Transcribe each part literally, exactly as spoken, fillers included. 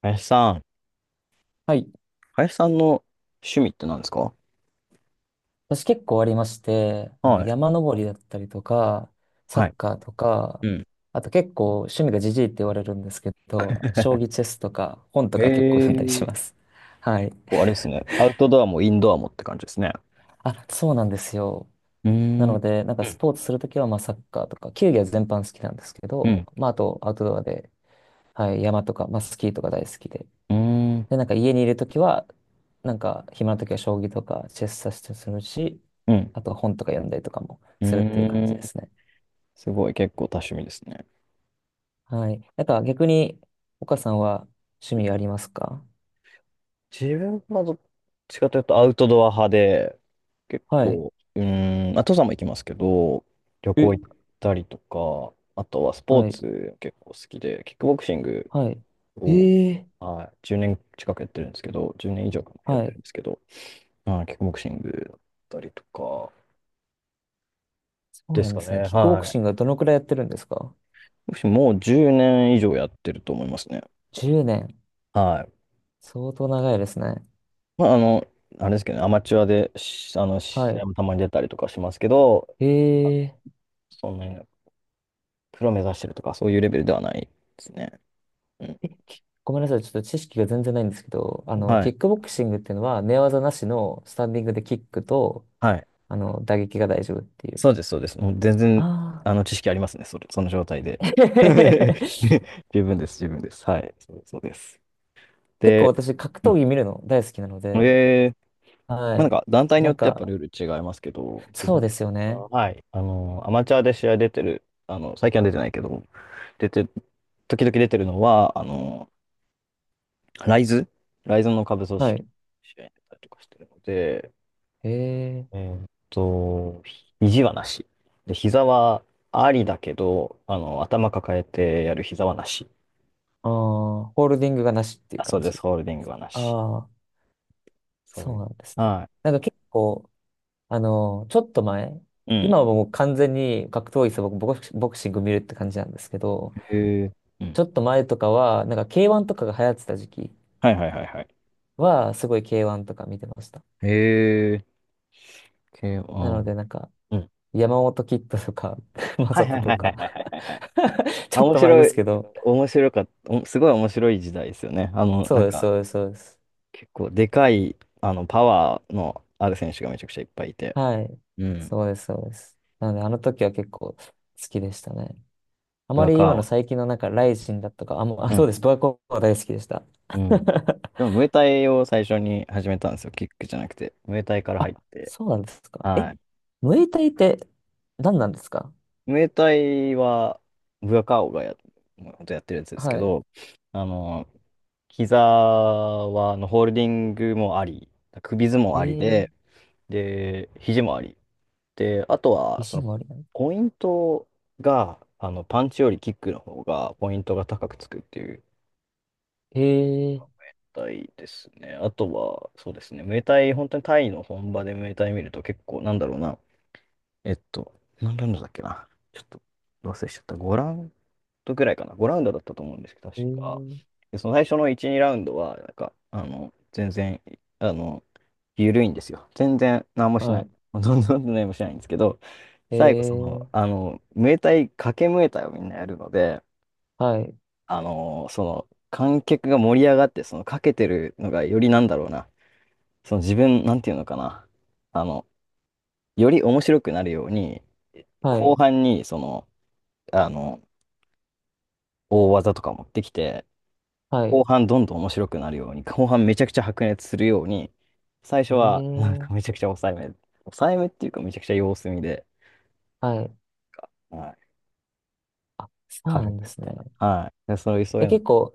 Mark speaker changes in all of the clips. Speaker 1: 林さん、
Speaker 2: はい。
Speaker 1: 林さんの趣味って何ですか？
Speaker 2: 私結構ありまして、あの、
Speaker 1: はい。
Speaker 2: 山登りだったりとか、サ
Speaker 1: はい。
Speaker 2: ッカーと
Speaker 1: う
Speaker 2: か、
Speaker 1: ん。
Speaker 2: あと結構趣味がジジイって言われるんですけど、将棋 チェスとか本と
Speaker 1: え
Speaker 2: か結構読んだりし
Speaker 1: ー、
Speaker 2: ます。はい。
Speaker 1: こうあれですね。アウトドアもインドアもって感じですね。
Speaker 2: あ、そうなんですよ。
Speaker 1: うー
Speaker 2: なの
Speaker 1: ん。
Speaker 2: で、なんか
Speaker 1: う
Speaker 2: スポー
Speaker 1: ん。
Speaker 2: ツするときはまあサッカーとか、球技は全般好きなんですけ
Speaker 1: う
Speaker 2: ど、
Speaker 1: ん。
Speaker 2: まああとアウトドアで、はい、山とか、まあスキーとか大好きで。
Speaker 1: うん。
Speaker 2: で、なんか家にいるときは、なんか暇なときは将棋とかチェスさせてするし、
Speaker 1: うん。
Speaker 2: あとは本とか読んだりとかも
Speaker 1: う
Speaker 2: するっていう感じ
Speaker 1: ん、
Speaker 2: ですね。
Speaker 1: すごい、結構多趣味ですね。
Speaker 2: はい。なんか逆に、岡さんは趣味ありますか？
Speaker 1: 自分はどっちかというとアウトドア派で、結
Speaker 2: はい。
Speaker 1: 構、うーん、まあ、登山も行きますけど、旅
Speaker 2: え、
Speaker 1: 行行ったりとか、あとはスポー
Speaker 2: はい。
Speaker 1: ツ結構好きで、キックボクシング
Speaker 2: はい。
Speaker 1: を、
Speaker 2: ええ、
Speaker 1: はい、じゅうねん近くやってるんですけど、じゅうねん以上かなやっ
Speaker 2: は
Speaker 1: てるん
Speaker 2: い。
Speaker 1: ですけど、はい、キックボクシングだったりとか
Speaker 2: そう
Speaker 1: で
Speaker 2: な
Speaker 1: す
Speaker 2: ん
Speaker 1: か
Speaker 2: ですね。
Speaker 1: ね。
Speaker 2: キックボク
Speaker 1: は
Speaker 2: シングは
Speaker 1: い。
Speaker 2: どのくらいやってるんですか？
Speaker 1: ボクシングもうじゅうねん以上やってると思いますね。
Speaker 2: じゅうねん 年。
Speaker 1: はい。
Speaker 2: 相当長いですね。
Speaker 1: まあ、あの、あれですけどね。アマチュアで、し、あの、
Speaker 2: は
Speaker 1: 試合
Speaker 2: い。
Speaker 1: もたまに出たりとかしますけど、
Speaker 2: ええ
Speaker 1: そんなにプロ目指してるとか、そういうレベルではないですね。うん。
Speaker 2: え、きごめんなさい。ちょっと知識が全然ないんですけど、あの、
Speaker 1: は
Speaker 2: キ
Speaker 1: い。
Speaker 2: ックボクシングっていうのは寝技なしのスタンディングでキックと、
Speaker 1: はい。
Speaker 2: あの、打撃が大丈夫っていう。
Speaker 1: そうです、そうです。もう全
Speaker 2: あ
Speaker 1: 然、
Speaker 2: あ。
Speaker 1: あの、知識ありますね、それ、その状態で。十分です、十分です。はい。そうそうです。
Speaker 2: 結構
Speaker 1: で、
Speaker 2: 私格
Speaker 1: う
Speaker 2: 闘
Speaker 1: ん、
Speaker 2: 技見るの大好きなので、
Speaker 1: えー、
Speaker 2: は
Speaker 1: まあなん
Speaker 2: い。
Speaker 1: か団体に
Speaker 2: な
Speaker 1: よっ
Speaker 2: ん
Speaker 1: てやっぱ
Speaker 2: か、
Speaker 1: ルール違いますけど、自
Speaker 2: そう
Speaker 1: 分
Speaker 2: ですよね。
Speaker 1: は、はい、あの、アマチュアで試合出てる、あの、最近は出てないけど、出て、時々出てるのは、あの、ライズ、ライズの下部組織
Speaker 2: は
Speaker 1: の
Speaker 2: い。
Speaker 1: 試合に出たりとかしてるので、
Speaker 2: へえ。
Speaker 1: えーっと、肘はなし。で、膝はありだけど、あの、頭抱えてやる膝はなし。
Speaker 2: ああ、ホールディングがなしっていう
Speaker 1: あ、そ
Speaker 2: 感
Speaker 1: うで
Speaker 2: じ
Speaker 1: す、ホールデ
Speaker 2: な
Speaker 1: ィ
Speaker 2: ん
Speaker 1: ン
Speaker 2: で
Speaker 1: グ
Speaker 2: す
Speaker 1: は
Speaker 2: か？
Speaker 1: なし。
Speaker 2: ああ、
Speaker 1: そうい
Speaker 2: そう
Speaker 1: う。
Speaker 2: なんですね。
Speaker 1: は
Speaker 2: なんか結構、あの、ちょっと前、
Speaker 1: い。う
Speaker 2: 今は
Speaker 1: ん。
Speaker 2: もう完全に格闘技さ、僕、ボクシボクシング見るって感じなんですけど、
Speaker 1: へえ。うん。
Speaker 2: ちょっと前とかは、なんか ケーワン とかが流行ってた時期
Speaker 1: はいはいはいはい。
Speaker 2: は、すごい ケーワン とか見てました。
Speaker 1: へえ。系
Speaker 2: な
Speaker 1: は、
Speaker 2: ので、なんか、
Speaker 1: うん。
Speaker 2: 山本キッドとか、マ
Speaker 1: はい
Speaker 2: サ
Speaker 1: は
Speaker 2: ト
Speaker 1: い
Speaker 2: と
Speaker 1: はいはい
Speaker 2: か
Speaker 1: はいはい。あ、
Speaker 2: ちょっ
Speaker 1: 面
Speaker 2: と前
Speaker 1: 白
Speaker 2: で
Speaker 1: い、で
Speaker 2: す
Speaker 1: す
Speaker 2: け
Speaker 1: け
Speaker 2: ど、
Speaker 1: ど。面白かった、お、すごい面白い時代ですよね。あの、な
Speaker 2: そう
Speaker 1: ん
Speaker 2: です、
Speaker 1: か、
Speaker 2: そうです、そうです。
Speaker 1: 結構でかい、あの、パワーのある選手がめちゃくちゃいっぱいいて。
Speaker 2: はい。
Speaker 1: うん。
Speaker 2: そうです、そうです。なので、あの時は結構好きでしたね。あ
Speaker 1: ブ
Speaker 2: ま
Speaker 1: ア
Speaker 2: り
Speaker 1: カ
Speaker 2: 今
Speaker 1: オ
Speaker 2: の
Speaker 1: ーを。
Speaker 2: 最近のなんか、ライジンだとか、あ、もう、あ、そうです。ドアコは大好きでした。
Speaker 1: うん。うん。でも、ムエタイを最初に始めたんですよ。キックじゃなくて。ムエタイから入っ
Speaker 2: あ、
Speaker 1: て。
Speaker 2: そうなんですか？
Speaker 1: は
Speaker 2: え、
Speaker 1: い。
Speaker 2: ムエタイって何なんですか？
Speaker 1: ムエタイは、ブアカーオがや、もう本当やってるやつですけ
Speaker 2: はい。
Speaker 1: ど、あの、膝は、あのホールディングもあり、首相撲
Speaker 2: え
Speaker 1: あり
Speaker 2: ー、
Speaker 1: で、で、肘回り。で、あとは、そ
Speaker 2: 肘
Speaker 1: の、
Speaker 2: もありなの？
Speaker 1: ポイントが、あの、パンチよりキックの方が、ポイントが高くつくっていう
Speaker 2: えー、
Speaker 1: 体ですね。あとは、そうですね、ムエタイ、本当にタイの本場でムエタイ見ると結構、なんだろうな、えっと、何ラウンドだっけな。ちょっと忘れしちゃった。ごラウンドくらいかな。ごラウンドだったと思うんですけど、
Speaker 2: え
Speaker 1: 確か。
Speaker 2: ー、
Speaker 1: で、その最初のいち、にラウンドは、なんか、あの、全然、あの、緩いんですよ。全然何もし
Speaker 2: は
Speaker 1: ない。
Speaker 2: い。
Speaker 1: んどんどん何もしないんですけど、
Speaker 2: え
Speaker 1: 最後、その、
Speaker 2: ー、
Speaker 1: あの、ムエタイ、掛けムエタイをみんなやるので、
Speaker 2: はい、
Speaker 1: あの、その、観客が盛り上がって、その、かけてるのがよりなんだろうな。その自分、なんていうのかな。あの、より面白くなるように、
Speaker 2: は
Speaker 1: 後
Speaker 2: い、
Speaker 1: 半に、その、あの、大技とか持ってきて、
Speaker 2: はい。
Speaker 1: 後半どんどん面白くなるように、後半めちゃくちゃ白熱するように、最
Speaker 2: え
Speaker 1: 初はなん
Speaker 2: ー、
Speaker 1: かめちゃくちゃ抑えめ、抑えめっていうかめちゃくちゃ様子見で、
Speaker 2: はい。
Speaker 1: はい、
Speaker 2: あ、そうな
Speaker 1: 軽
Speaker 2: ん
Speaker 1: く
Speaker 2: で
Speaker 1: み
Speaker 2: すね。
Speaker 1: たいな。はい。で、そういう、そう
Speaker 2: え、
Speaker 1: いうの。
Speaker 2: 結構、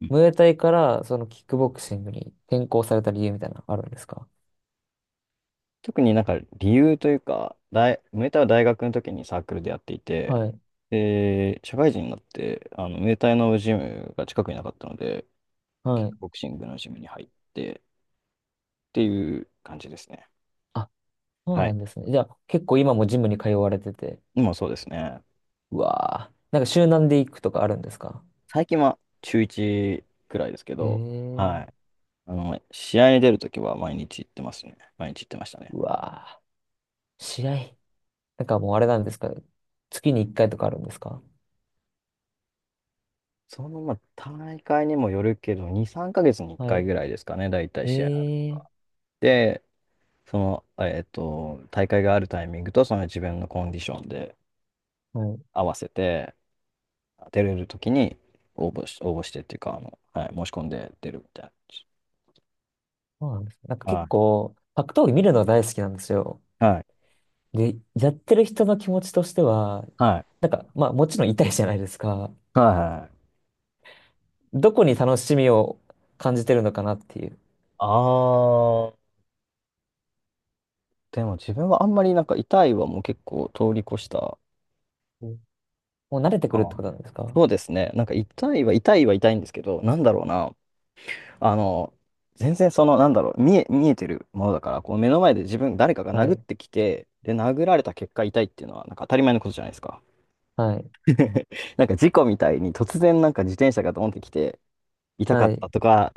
Speaker 1: うん、
Speaker 2: ムエタイからそのキックボクシングに転向された理由みたいなのあるんですか？
Speaker 1: 特になんか理由というか、大、ムエタイは大学の時にサークルでやっていて、
Speaker 2: はい。
Speaker 1: で、社会人になって、あの、ムエタイのジムが近くになかったので、キッ
Speaker 2: はい。
Speaker 1: クボクシングのジムに入ってっていう感じですね。
Speaker 2: あ、そう
Speaker 1: は
Speaker 2: な
Speaker 1: い。
Speaker 2: んですね。じゃあ結構今もジムに通われてて。
Speaker 1: 今そうですね。
Speaker 2: うわー。なんか集団で行くとかあるんですか？
Speaker 1: 最近は週いちくらいですけ
Speaker 2: へ
Speaker 1: ど、は
Speaker 2: え。
Speaker 1: い。あの、試合に出るときは毎日行ってますね。毎日行ってましたね。
Speaker 2: うわー。試合。なんかもうあれなんですか？月にいっかいとかあるんですか？
Speaker 1: その、まあ、大会にもよるけど、に、さんかげつに1
Speaker 2: は
Speaker 1: 回
Speaker 2: い。
Speaker 1: ぐらいですかね、大体試合が。
Speaker 2: へえ。
Speaker 1: で、その、えっと、大会があるタイミングと、その自分のコンディションで
Speaker 2: はい。
Speaker 1: 合わせて、出れるときに応募し、応募してっていうか、あの、はい、申し込んで出るみたいな感じ。
Speaker 2: そうなんですね。なんか結
Speaker 1: は
Speaker 2: 構格闘技見るのが大好きなんですよ。
Speaker 1: い。はい。
Speaker 2: で、やってる人の気持ちとしては、
Speaker 1: はい。
Speaker 2: なんかまあもちろん痛いじゃないですか。
Speaker 1: はい。はい。
Speaker 2: どこに楽しみを感じてるのかなっていう。
Speaker 1: あ、でも自分はあんまりなんか痛いはもう結構通り越した。
Speaker 2: うん。もう慣れてくるっ
Speaker 1: あー、
Speaker 2: てことなんですか？
Speaker 1: そうですね。なんか痛いは痛いは痛いんですけど、なんだろうな。あの、全然その、なんだろう、見え、見えてるものだから、こう目の前で自分、誰かが
Speaker 2: は
Speaker 1: 殴っ
Speaker 2: い。
Speaker 1: てきて、で、殴られた結果痛いっていうのは、なんか当たり前のことじゃないですか。
Speaker 2: はい。
Speaker 1: なんか事故みたいに突然なんか自転車がドンってきて、痛か
Speaker 2: は
Speaker 1: った
Speaker 2: い。
Speaker 1: とか、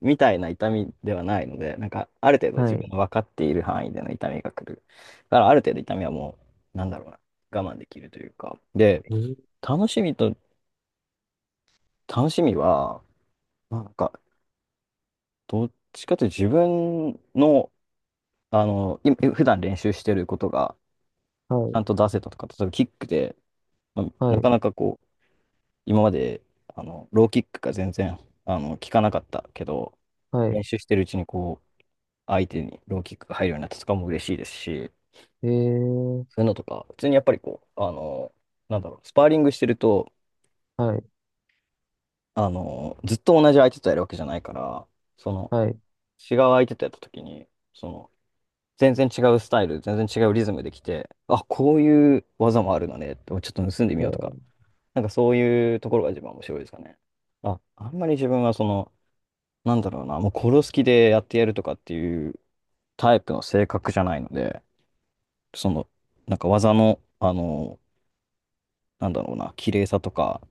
Speaker 1: みたいな痛みではないので、なんか、ある程度
Speaker 2: は
Speaker 1: 自分
Speaker 2: い。
Speaker 1: の分かっている範囲での痛みが来る。だから、ある程度痛みはもう、なんだろうな、我慢できるというか。で、
Speaker 2: えー
Speaker 1: 楽しみと、楽しみは、なんか、どっちかというと自分の、あの、い、普段練習してることが、
Speaker 2: は
Speaker 1: ちゃ
Speaker 2: い。
Speaker 1: んと出せたとか、例えばキックで、まあ
Speaker 2: は
Speaker 1: な
Speaker 2: い。
Speaker 1: かなかこう、今まで、あの、ローキックが全然、あの、効かなかったけど、
Speaker 2: はい。
Speaker 1: 練習してるうちにこう、相手にローキックが入るようになったとかも嬉しいですし、
Speaker 2: えー。
Speaker 1: そういうのとか、普通にやっぱりこう、あの、なんだろう、スパーリングしてると、
Speaker 2: はい。
Speaker 1: あの、ずっと同じ相手とやるわけじゃないから、その、
Speaker 2: はい。
Speaker 1: 違う相手とやった時に、その、全然違うスタイル、全然違うリズムできて、あ、こういう技もあるのね、ちょっと盗んでみ
Speaker 2: え
Speaker 1: ようとか、
Speaker 2: ー。
Speaker 1: なんかそういうところが一番面白いですかね。あ、あんまり自分はその、なんだろうな、もう殺す気でやってやるとかっていうタイプの性格じゃないので、その、なんか技の、あの、なんだろうな、綺麗さとか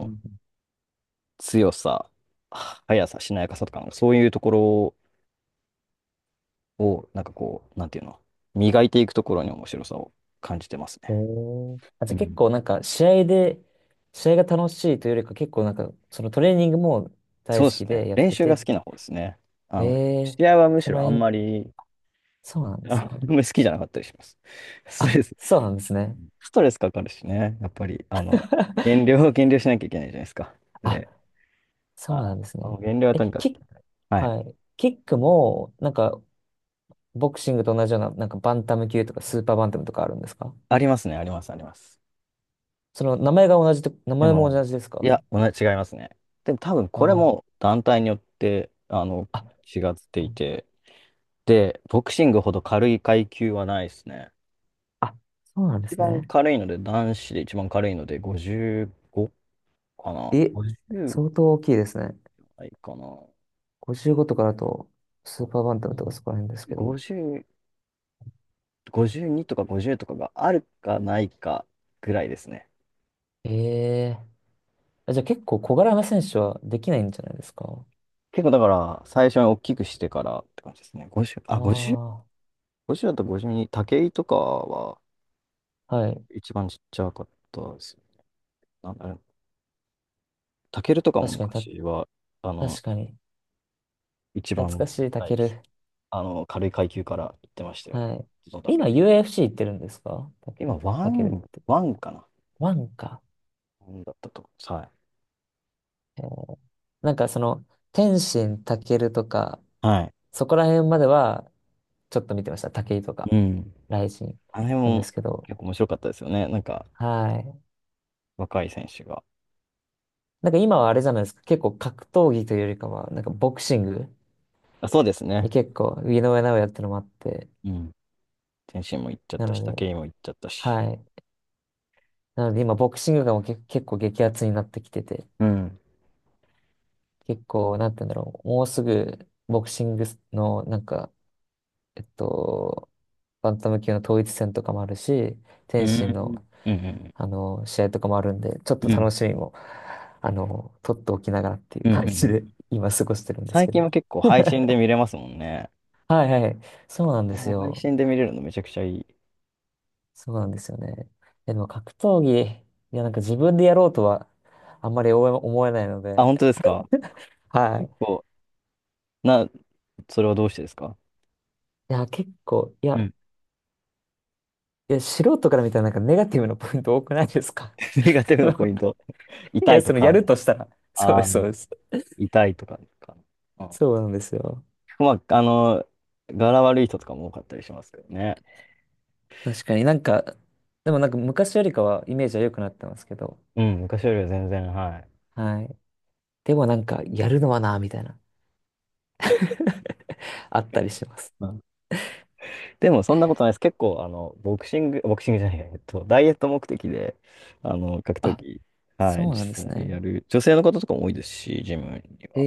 Speaker 2: うん。
Speaker 1: 強さ、速さ、しなやかさとか、なんかそういうところを、なんかこう、なんていうの、磨いていくところに面白さを感じてます
Speaker 2: え
Speaker 1: ね。
Speaker 2: ーあ、じ
Speaker 1: う
Speaker 2: ゃあ結
Speaker 1: ん。
Speaker 2: 構なんか試合で、試合が楽しいというよりか結構なんかそのトレーニングも
Speaker 1: そ
Speaker 2: 大
Speaker 1: うで
Speaker 2: 好
Speaker 1: す
Speaker 2: き
Speaker 1: ね。
Speaker 2: でやっ
Speaker 1: 練
Speaker 2: て
Speaker 1: 習
Speaker 2: て
Speaker 1: が
Speaker 2: っ
Speaker 1: 好きな
Speaker 2: て。
Speaker 1: 方ですね。あの、
Speaker 2: えー。
Speaker 1: 試合はむし
Speaker 2: その
Speaker 1: ろあ
Speaker 2: え
Speaker 1: ん
Speaker 2: ん、
Speaker 1: まり、
Speaker 2: そうなんで
Speaker 1: あ
Speaker 2: すね。
Speaker 1: んまり好きじゃなかったりします。ストレ
Speaker 2: あ、
Speaker 1: ス、
Speaker 2: そうなんですね。
Speaker 1: ストレスかかるしね。やっぱり、あの、減量、減量しなきゃいけないじゃないですか。
Speaker 2: あ、
Speaker 1: で、
Speaker 2: そ
Speaker 1: あ、
Speaker 2: うなんですね。
Speaker 1: 減量は
Speaker 2: え、
Speaker 1: とにかく。
Speaker 2: キック、
Speaker 1: はい、
Speaker 2: はい。キックも、なんか、ボクシングと同じような、なんか、バンタム級とか、スーパーバンタムとかあるんですか？
Speaker 1: ありますね、あります、あります。
Speaker 2: その、名前が同じと、名
Speaker 1: で
Speaker 2: 前も
Speaker 1: も、
Speaker 2: 同じです
Speaker 1: い
Speaker 2: か？
Speaker 1: や、同じ、違いますね。でも多分これ
Speaker 2: あ
Speaker 1: も団体によって、あの、
Speaker 2: あ。あ、
Speaker 1: 違って
Speaker 2: そ
Speaker 1: い
Speaker 2: う
Speaker 1: て、で、ボクシングほど軽い階級はないですね。
Speaker 2: あそうなんで
Speaker 1: 一
Speaker 2: す
Speaker 1: 番
Speaker 2: ね。
Speaker 1: 軽いので、男子で一番軽いのでごじゅうごかな。
Speaker 2: え、
Speaker 1: ごじゅう
Speaker 2: 相当大きいですね。
Speaker 1: ないかな。
Speaker 2: ごじゅうごとかだと、スー
Speaker 1: あ、
Speaker 2: パーバンタムとかそこら辺ですけど。
Speaker 1: ごじゅう、ごじゅうにとかごじゅうとかがあるかないかぐらいですね。
Speaker 2: ええ、あ、じゃあ結構小柄な選手はできないんじゃないですか？
Speaker 1: 結構だから最初に大きくしてからって感じですね。ごじゅう、あ、ごじゅう、
Speaker 2: あ
Speaker 1: ごじゅうだとごじゅうに、武井とかは
Speaker 2: あ、はい。
Speaker 1: 一番ちっちゃかったですね。なんだろう、タケルとかも
Speaker 2: 確かに、た、
Speaker 1: 昔は、あの、
Speaker 2: 確かに。
Speaker 1: 一
Speaker 2: 懐
Speaker 1: 番
Speaker 2: かし
Speaker 1: 小
Speaker 2: い、タ
Speaker 1: さい、
Speaker 2: ケル。
Speaker 1: あの、軽い階級から行ってましたよね。
Speaker 2: はい。
Speaker 1: どんどん上げ
Speaker 2: 今
Speaker 1: て。
Speaker 2: ユーエフシー 行ってるんですか？たけ、
Speaker 1: 今、ワ
Speaker 2: たけるっ
Speaker 1: ン、
Speaker 2: て。
Speaker 1: ワンかな、
Speaker 2: ワンか。
Speaker 1: ワンだったと思います。はい。
Speaker 2: えーなんかその、天心たけるとか、
Speaker 1: はい。
Speaker 2: そこら辺までは、ちょっと見てました。武井とか、
Speaker 1: うん。
Speaker 2: ライジン
Speaker 1: あれ
Speaker 2: なんで
Speaker 1: も
Speaker 2: すけど。
Speaker 1: 結構面白かったですよね。なんか、
Speaker 2: はい。
Speaker 1: 若い選手が。
Speaker 2: なんか今はあれじゃないですか。結構格闘技というよりかは、なんかボクシング
Speaker 1: あ、そうです
Speaker 2: に
Speaker 1: ね。
Speaker 2: 結構、井上尚弥ってのもあって。
Speaker 1: うん。天心も行っちゃっ
Speaker 2: な
Speaker 1: た
Speaker 2: の
Speaker 1: し、
Speaker 2: で、
Speaker 1: 武井も行っちゃったし。
Speaker 2: はい。なので今、ボクシングがもうけ結構激アツになってきてて、
Speaker 1: うん。
Speaker 2: 結構、なんて言うんだろう。もうすぐ、ボクシングの、なんか、えっと、バンタム級の統一戦とかもあるし、
Speaker 1: う
Speaker 2: 天心
Speaker 1: ん。
Speaker 2: の、
Speaker 1: うん。
Speaker 2: あの、試合とかもあるんで、ちょっ
Speaker 1: う
Speaker 2: と
Speaker 1: ん。う
Speaker 2: 楽
Speaker 1: ん。
Speaker 2: しみも、あの、取っておきながらっていう
Speaker 1: うん。
Speaker 2: 感
Speaker 1: う
Speaker 2: じ
Speaker 1: ん、
Speaker 2: で、今過ごしてるんです
Speaker 1: 最
Speaker 2: け
Speaker 1: 近
Speaker 2: ど。
Speaker 1: は結構配信で 見れますもんね。
Speaker 2: はいはい。そうなん
Speaker 1: あ
Speaker 2: で
Speaker 1: れ
Speaker 2: す
Speaker 1: も配
Speaker 2: よ。
Speaker 1: 信で見れるのめちゃくちゃいい。
Speaker 2: そうなんですよね。え、でも格闘技、いや、なんか自分でやろうとは、あんまり思え思えないの
Speaker 1: あ、
Speaker 2: で、
Speaker 1: 本当ですか？
Speaker 2: は
Speaker 1: 結
Speaker 2: い。
Speaker 1: 構、な、それはどうしてですか？
Speaker 2: いや、結構、い
Speaker 1: う
Speaker 2: や、
Speaker 1: ん。
Speaker 2: いや、素人から見たらなんかネガティブなポイント多くないですか？
Speaker 1: ネガティ ブ
Speaker 2: そ
Speaker 1: な
Speaker 2: の
Speaker 1: ポイント。
Speaker 2: い
Speaker 1: 痛
Speaker 2: や、
Speaker 1: いと
Speaker 2: その、や
Speaker 1: か、
Speaker 2: るとしたら。そうで
Speaker 1: ああ、
Speaker 2: す、そうです。
Speaker 1: 痛いとかですか。ああ、
Speaker 2: そうなんですよ。
Speaker 1: まあ、あの、柄悪い人とかも多かったりしますけどね。
Speaker 2: 確かになんか、でもなんか昔よりかはイメージは良くなってますけど、
Speaker 1: うん、昔よりは全然、はい。
Speaker 2: はい。でもなんか、やるのはな、みたいな、あったりします。
Speaker 1: でもそんなことないです。結構、あの、ボクシング、ボクシングじゃないや、えっと、ダイエット目的で、あの、格闘
Speaker 2: あ、
Speaker 1: 技、はい、
Speaker 2: そう
Speaker 1: 実
Speaker 2: なんです
Speaker 1: 際
Speaker 2: ね。
Speaker 1: やる、女性の方とかも多いですし、ジムに
Speaker 2: へ
Speaker 1: は。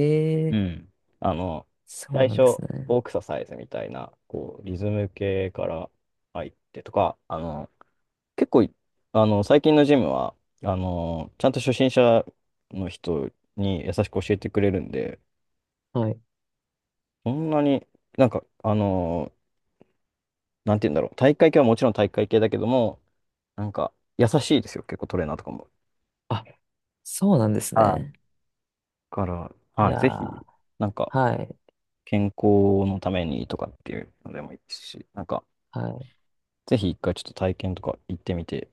Speaker 1: うん。あの、
Speaker 2: そう
Speaker 1: 最
Speaker 2: なんで
Speaker 1: 初、
Speaker 2: すね。
Speaker 1: ボクササイズみたいな、こう、リズム系から入ってとか、あの、結構、あの、最近のジムは、あの、ちゃんと初心者の人に優しく教えてくれるんで、
Speaker 2: はい。
Speaker 1: そんなに、なんか、あのなんて言うんだろう。体育会系はもちろん体育会系だけども、なんか、優しいですよ。結構トレーナーとかも。
Speaker 2: あ、そうなんです
Speaker 1: はい。だ
Speaker 2: ね。
Speaker 1: から、
Speaker 2: い
Speaker 1: はい、
Speaker 2: や
Speaker 1: ぜ
Speaker 2: ー、
Speaker 1: ひ、なんか、
Speaker 2: はい、
Speaker 1: 健康のためにとかっていうのでもいいですし、なんか、
Speaker 2: はい。
Speaker 1: ぜひ一回ちょっと体験とか行ってみて、行っ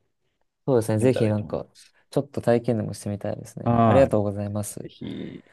Speaker 2: そうですね。
Speaker 1: てみ
Speaker 2: ぜ
Speaker 1: たら
Speaker 2: ひ
Speaker 1: いい
Speaker 2: な
Speaker 1: と
Speaker 2: ん
Speaker 1: 思いま
Speaker 2: か、
Speaker 1: す。
Speaker 2: ちょっと体験でもしてみたいですね。ありが
Speaker 1: はい。
Speaker 2: とうございま
Speaker 1: ぜ
Speaker 2: す。
Speaker 1: ひ。